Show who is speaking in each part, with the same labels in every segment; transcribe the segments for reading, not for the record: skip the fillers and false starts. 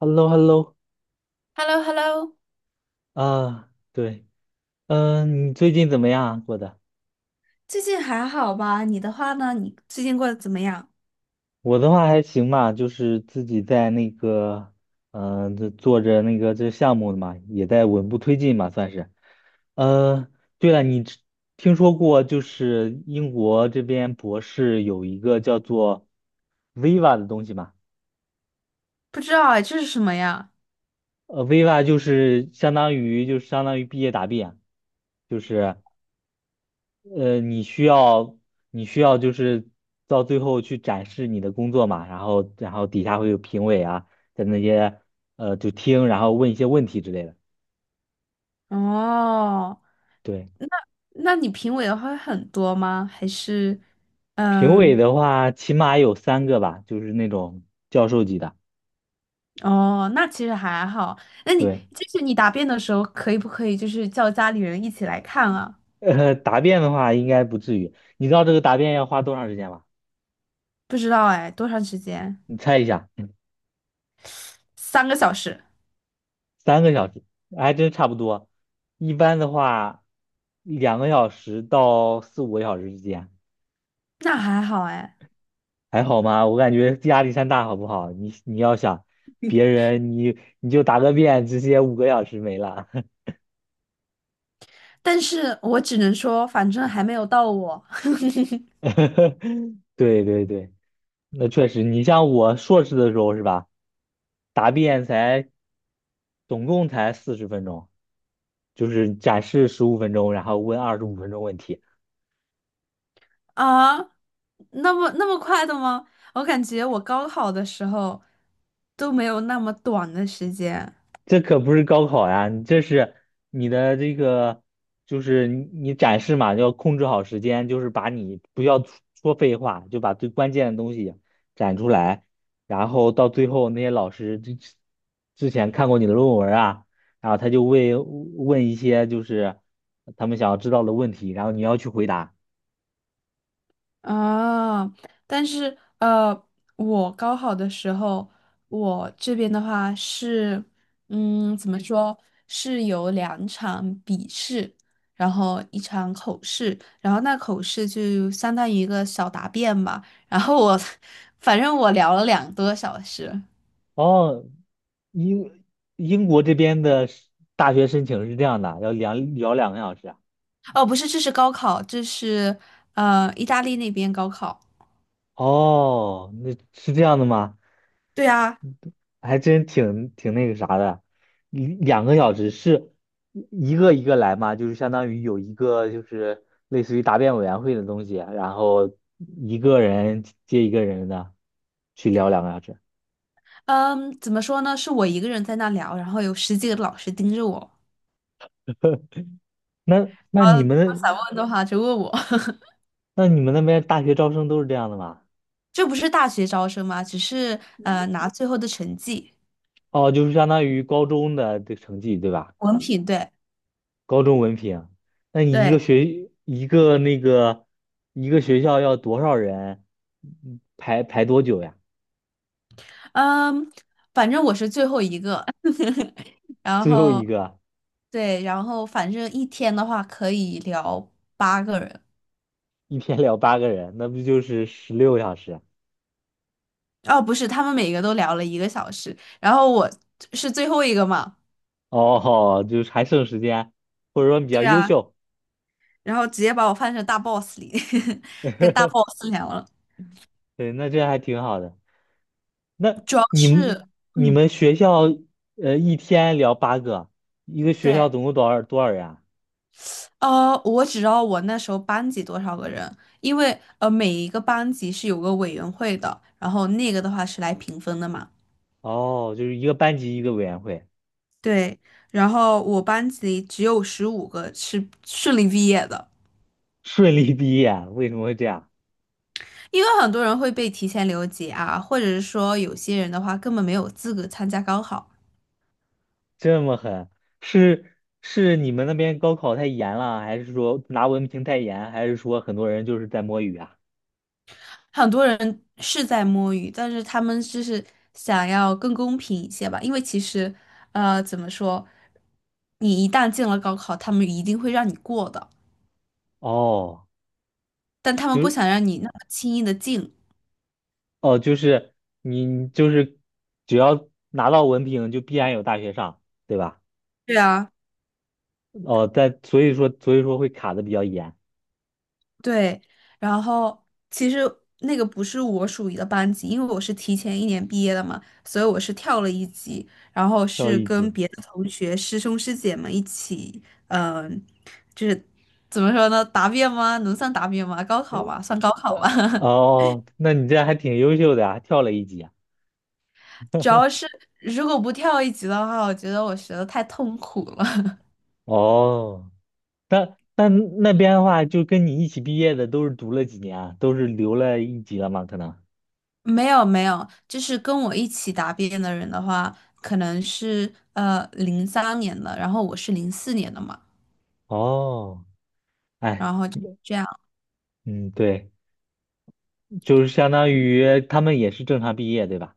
Speaker 1: h e l l o h e l l o
Speaker 2: h e l l o h e l l o
Speaker 1: 啊，对，嗯，你最近怎么样啊过的？
Speaker 2: 最近还好吧？你的话呢？你最近过得怎么样？
Speaker 1: 我的话还行吧，就是自己在那个，这做着那个这项目的嘛，也在稳步推进嘛，算是。呃，对了，听说过就是英国这边博士有一个叫做 Viva 的东西吗？
Speaker 2: 不知道哎，这是什么呀？
Speaker 1: Viva 就是相当于毕业答辩，就是。呃，你需要你需要就是到最后去展示你的工作嘛，然后底下会有评委啊，在那些就听，然后问一些问题之类的。
Speaker 2: 哦，
Speaker 1: 对，
Speaker 2: 那那你评委的话会很多吗？还是，
Speaker 1: 评委
Speaker 2: 嗯，
Speaker 1: 的话起码有三个吧，就是那种教授级的。
Speaker 2: 哦，那其实还好。那你
Speaker 1: 对，
Speaker 2: 就是你答辩的时候，可以不可以就是叫家里人一起来看啊？
Speaker 1: 答辩的话应该不至于。你知道这个答辩要花多长时间吗？
Speaker 2: 不知道哎，多长时间？
Speaker 1: 你猜一下，
Speaker 2: 3个小时，
Speaker 1: 3个小时，还真差不多。一般的话，两个小时到四五个小时之间。
Speaker 2: 那还好哎。
Speaker 1: 还好吗？我感觉压力山大，好不好？你要想别人，你就答个遍，直接五个小时没了。
Speaker 2: 但是我只能说，反正还没有到我。
Speaker 1: 对对对，那确实，你像我硕士的时候是吧？答辩总共才40分钟，就是展示十五分钟，然后问25分钟问题。
Speaker 2: 啊，那么快的吗？我感觉我高考的时候都没有那么短的时间
Speaker 1: 这可不是高考呀，你的这个，就是你展示嘛，要控制好时间，就是把你不要说废话，就把最关键的东西展出来，然后到最后那些老师之前看过你的论文啊，然后他就会问一些就是他们想要知道的问题，然后你要去回答。
Speaker 2: 啊。但是我高考的时候，我这边的话是，怎么说，是有两场笔试，然后一场口试，然后那口试就相当于一个小答辩吧。然后我，反正我聊了2个多小时。
Speaker 1: 哦，英英国这边的大学申请是这样的，要聊两个小时啊。
Speaker 2: 哦，不是，这是高考，这是意大利那边高考。
Speaker 1: 哦，那是这样的吗？
Speaker 2: 对啊，
Speaker 1: 还真挺那个啥的，一两个小时是一个一个来嘛，就是相当于有一个就是类似于答辩委员会的东西，然后一个人接一个人的去聊两个小时。
Speaker 2: 嗯，怎么说呢？是我一个人在那聊，然后有十几个老师盯着我。
Speaker 1: 那那你
Speaker 2: 他们想
Speaker 1: 们
Speaker 2: 问的话就问我。
Speaker 1: 那你们那边大学招生都是这样的吗？
Speaker 2: 这不是大学招生吗？只是拿最后的成绩，
Speaker 1: 哦，就是相当于高中的这成绩对吧？
Speaker 2: 文凭对
Speaker 1: 高中文凭啊那你一
Speaker 2: 对，
Speaker 1: 个学一个那个一个学校要多少人排多久呀？
Speaker 2: 嗯，反正我是最后一个。然
Speaker 1: 最后
Speaker 2: 后
Speaker 1: 一个。
Speaker 2: 对，然后反正一天的话可以聊八个人。
Speaker 1: 一天聊八个人，那不就是16小时？
Speaker 2: 哦，不是，他们每个都聊了一个小时，然后我是最后一个嘛。
Speaker 1: 哦，哦就是还剩时间，或者说比较
Speaker 2: 对
Speaker 1: 优
Speaker 2: 啊，
Speaker 1: 秀，
Speaker 2: 然后直接把我放成大 boss 里，跟大 boss 聊了。
Speaker 1: 对，那这还挺好的。那
Speaker 2: 主要
Speaker 1: 你
Speaker 2: 是，
Speaker 1: 们你
Speaker 2: 嗯，
Speaker 1: 们学校一天聊八个，一个学
Speaker 2: 对，
Speaker 1: 校总共多少人啊？
Speaker 2: 我只知道我那时候班级多少个人，因为每一个班级是有个委员会的，然后那个的话是来评分的嘛。
Speaker 1: 哦，就是一个班级一个委员会，
Speaker 2: 对，然后我班级只有15个是顺利毕业的，
Speaker 1: 顺利毕业，为什么会这样？
Speaker 2: 因为很多人会被提前留级啊，或者是说有些人的话根本没有资格参加高考。
Speaker 1: 这么狠，是是你们那边高考太严了，还是说拿文凭太严，还是说很多人就是在摸鱼啊？
Speaker 2: 很多人是在摸鱼，但是他们就是想要更公平一些吧，因为其实，怎么说，你一旦进了高考，他们一定会让你过的，
Speaker 1: 哦，
Speaker 2: 但他们不
Speaker 1: 就
Speaker 2: 想让你那么轻易的进。
Speaker 1: 哦，就是你只要拿到文凭，就必然有大学上，对吧？
Speaker 2: 对啊，
Speaker 1: 哦，但所以说会卡的比较严，
Speaker 2: 对，然后其实那个不是我属于的班级，因为我是提前一年毕业的嘛，所以我是跳了一级，然后
Speaker 1: 跳
Speaker 2: 是
Speaker 1: 一
Speaker 2: 跟
Speaker 1: 级。
Speaker 2: 别的同学、师兄师姐们一起，嗯、怎么说呢？答辩吗？能算答辩吗？高考吧，算高考
Speaker 1: 呃，
Speaker 2: 吧。
Speaker 1: 哦，那你这还挺优秀的啊，跳了一级啊
Speaker 2: 主要是 如果不跳一级的话，我觉得我学的太痛苦了。
Speaker 1: 哦，那那边的话，就跟你一起毕业的都是读了几年啊，都是留了一级了吗？可能。
Speaker 2: 没有没有，就是跟我一起答辩的人的话，可能是03年的，然后我是04年的嘛，
Speaker 1: 哦，哎，
Speaker 2: 然后就这样
Speaker 1: 嗯，对，就是相当于他们也是正常毕业，对吧？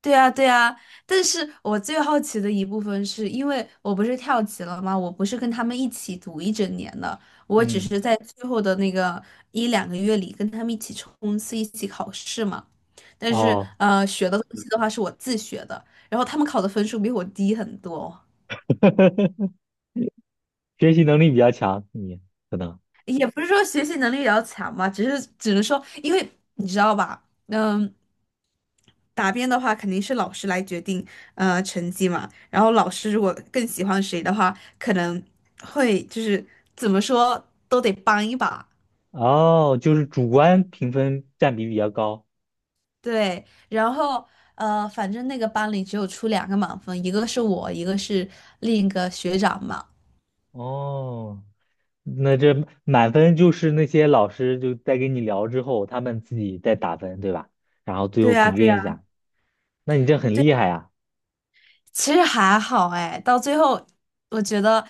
Speaker 2: 对啊，对啊，但是我最好奇的一部分是因为我不是跳级了吗？我不是跟他们一起读一整年的，我只是
Speaker 1: 嗯，
Speaker 2: 在最后的那个一两个月里跟他们一起冲刺、一起考试嘛。但是
Speaker 1: 哦，
Speaker 2: 学的东西的话是我自学的，然后他们考的分数比我低很多，
Speaker 1: 学习能力比较强，你可能
Speaker 2: 也不是说学习能力比较强嘛，只是只能说，因为你知道吧，嗯。答辩的话，肯定是老师来决定成绩嘛。然后老师如果更喜欢谁的话，可能会就是怎么说都得帮一把。
Speaker 1: 哦，就是主观评分占比比较高。
Speaker 2: 对，然后反正那个班里只有出两个满分，一个是我，一个是另一个学长嘛。
Speaker 1: 哦，那这满分就是那些老师就在跟你聊之后，他们自己再打分，对吧？然后最
Speaker 2: 对
Speaker 1: 后
Speaker 2: 呀，
Speaker 1: 平
Speaker 2: 对呀。
Speaker 1: 均一下，那你这很厉害呀。
Speaker 2: 其实还好哎，到最后我觉得，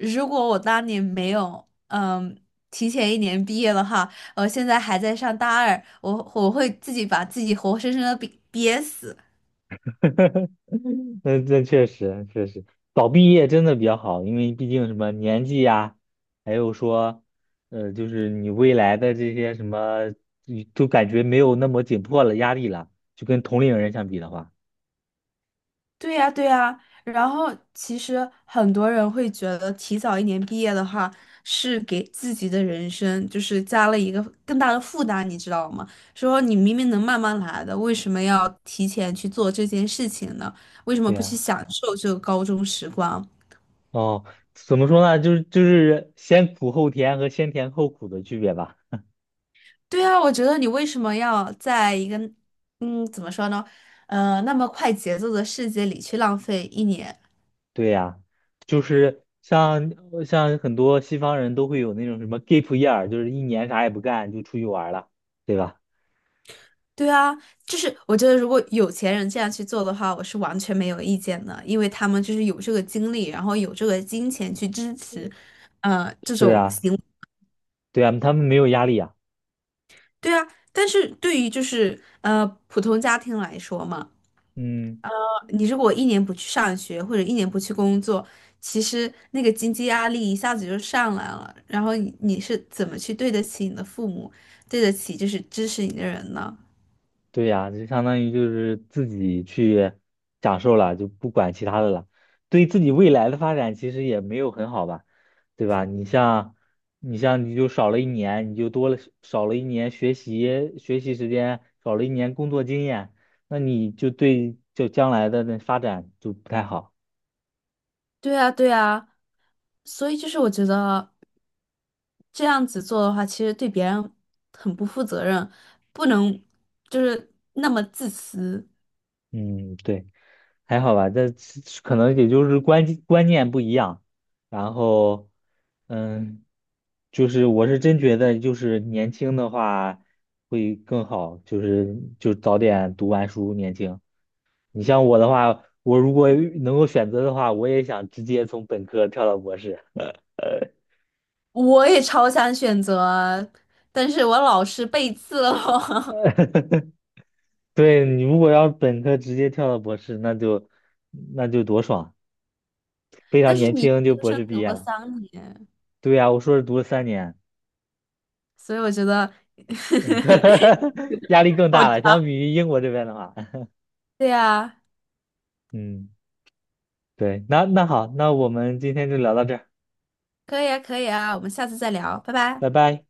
Speaker 2: 如果我当年没有提前一年毕业的话，我现在还在上大二，我会自己把自己活生生的憋死。
Speaker 1: 那确实早毕业真的比较好，因为毕竟什么年纪呀，还有说，就是你未来的这些什么，你都感觉没有那么紧迫了，压力了，就跟同龄人相比的话，
Speaker 2: 对呀，对呀，然后其实很多人会觉得提早一年毕业的话，是给自己的人生就是加了一个更大的负担，你知道吗？说你明明能慢慢来的，为什么要提前去做这件事情呢？为什么
Speaker 1: 对
Speaker 2: 不去
Speaker 1: 呀，
Speaker 2: 享受这个高中时光？
Speaker 1: 哦，怎么说呢，就是先苦后甜和先甜后苦的区别吧，
Speaker 2: 对啊，我觉得你为什么要在一个，怎么说呢？那么快节奏的世界里去浪费一年？
Speaker 1: 对呀，就是像很多西方人都会有那种什么 gap year，就是一年啥也不干就出去玩儿了，对吧？
Speaker 2: 对啊，就是我觉得如果有钱人这样去做的话，我是完全没有意见的，因为他们就是有这个精力，然后有这个金钱去支持，这
Speaker 1: 是
Speaker 2: 种
Speaker 1: 啊，
Speaker 2: 行为
Speaker 1: 对啊，他们没有压力啊。
Speaker 2: 对啊，但是对于就是普通家庭来说嘛，
Speaker 1: 嗯，
Speaker 2: 你如果一年不去上学或者一年不去工作，其实那个经济压力一下子就上来了，然后你是怎么去对得起你的父母，对得起就是支持你的人呢？
Speaker 1: 对呀，就相当于就是自己去享受了，就不管其他的了。对自己未来的发展其实也没有很好吧，对吧？你像你就少了一年，你就少了一年学习时间，少了一年工作经验，那你就将来的那发展就不太好。
Speaker 2: 对啊，对啊，所以就是我觉得。这样子做的话，其实对别人很不负责任，不能就是那么自私。
Speaker 1: 嗯，对，还好吧，这可能也就是观念不一样，然后，嗯，就是我是真觉得，就是年轻的话会更好，就是就早点读完书，年轻。你像我的话，我如果能够选择的话，我也想直接从本科跳到博士。
Speaker 2: 我也超想选择啊，但是我老是背刺了我
Speaker 1: 对，你如果要本科直接跳到博士，那就多爽，非
Speaker 2: 但
Speaker 1: 常
Speaker 2: 是
Speaker 1: 年
Speaker 2: 你
Speaker 1: 轻就
Speaker 2: 研究
Speaker 1: 博
Speaker 2: 生
Speaker 1: 士
Speaker 2: 读
Speaker 1: 毕业
Speaker 2: 了
Speaker 1: 了。
Speaker 2: 三年，
Speaker 1: 对呀，我硕士读了3年。
Speaker 2: 所以我觉得
Speaker 1: 压力更
Speaker 2: 好
Speaker 1: 大了，相
Speaker 2: 长。
Speaker 1: 比于英国这边的话，
Speaker 2: 对呀，
Speaker 1: 嗯，对，那好，那我们今天就聊到这儿，
Speaker 2: 可以啊，可以啊，我们下次再聊，拜拜。
Speaker 1: 拜拜。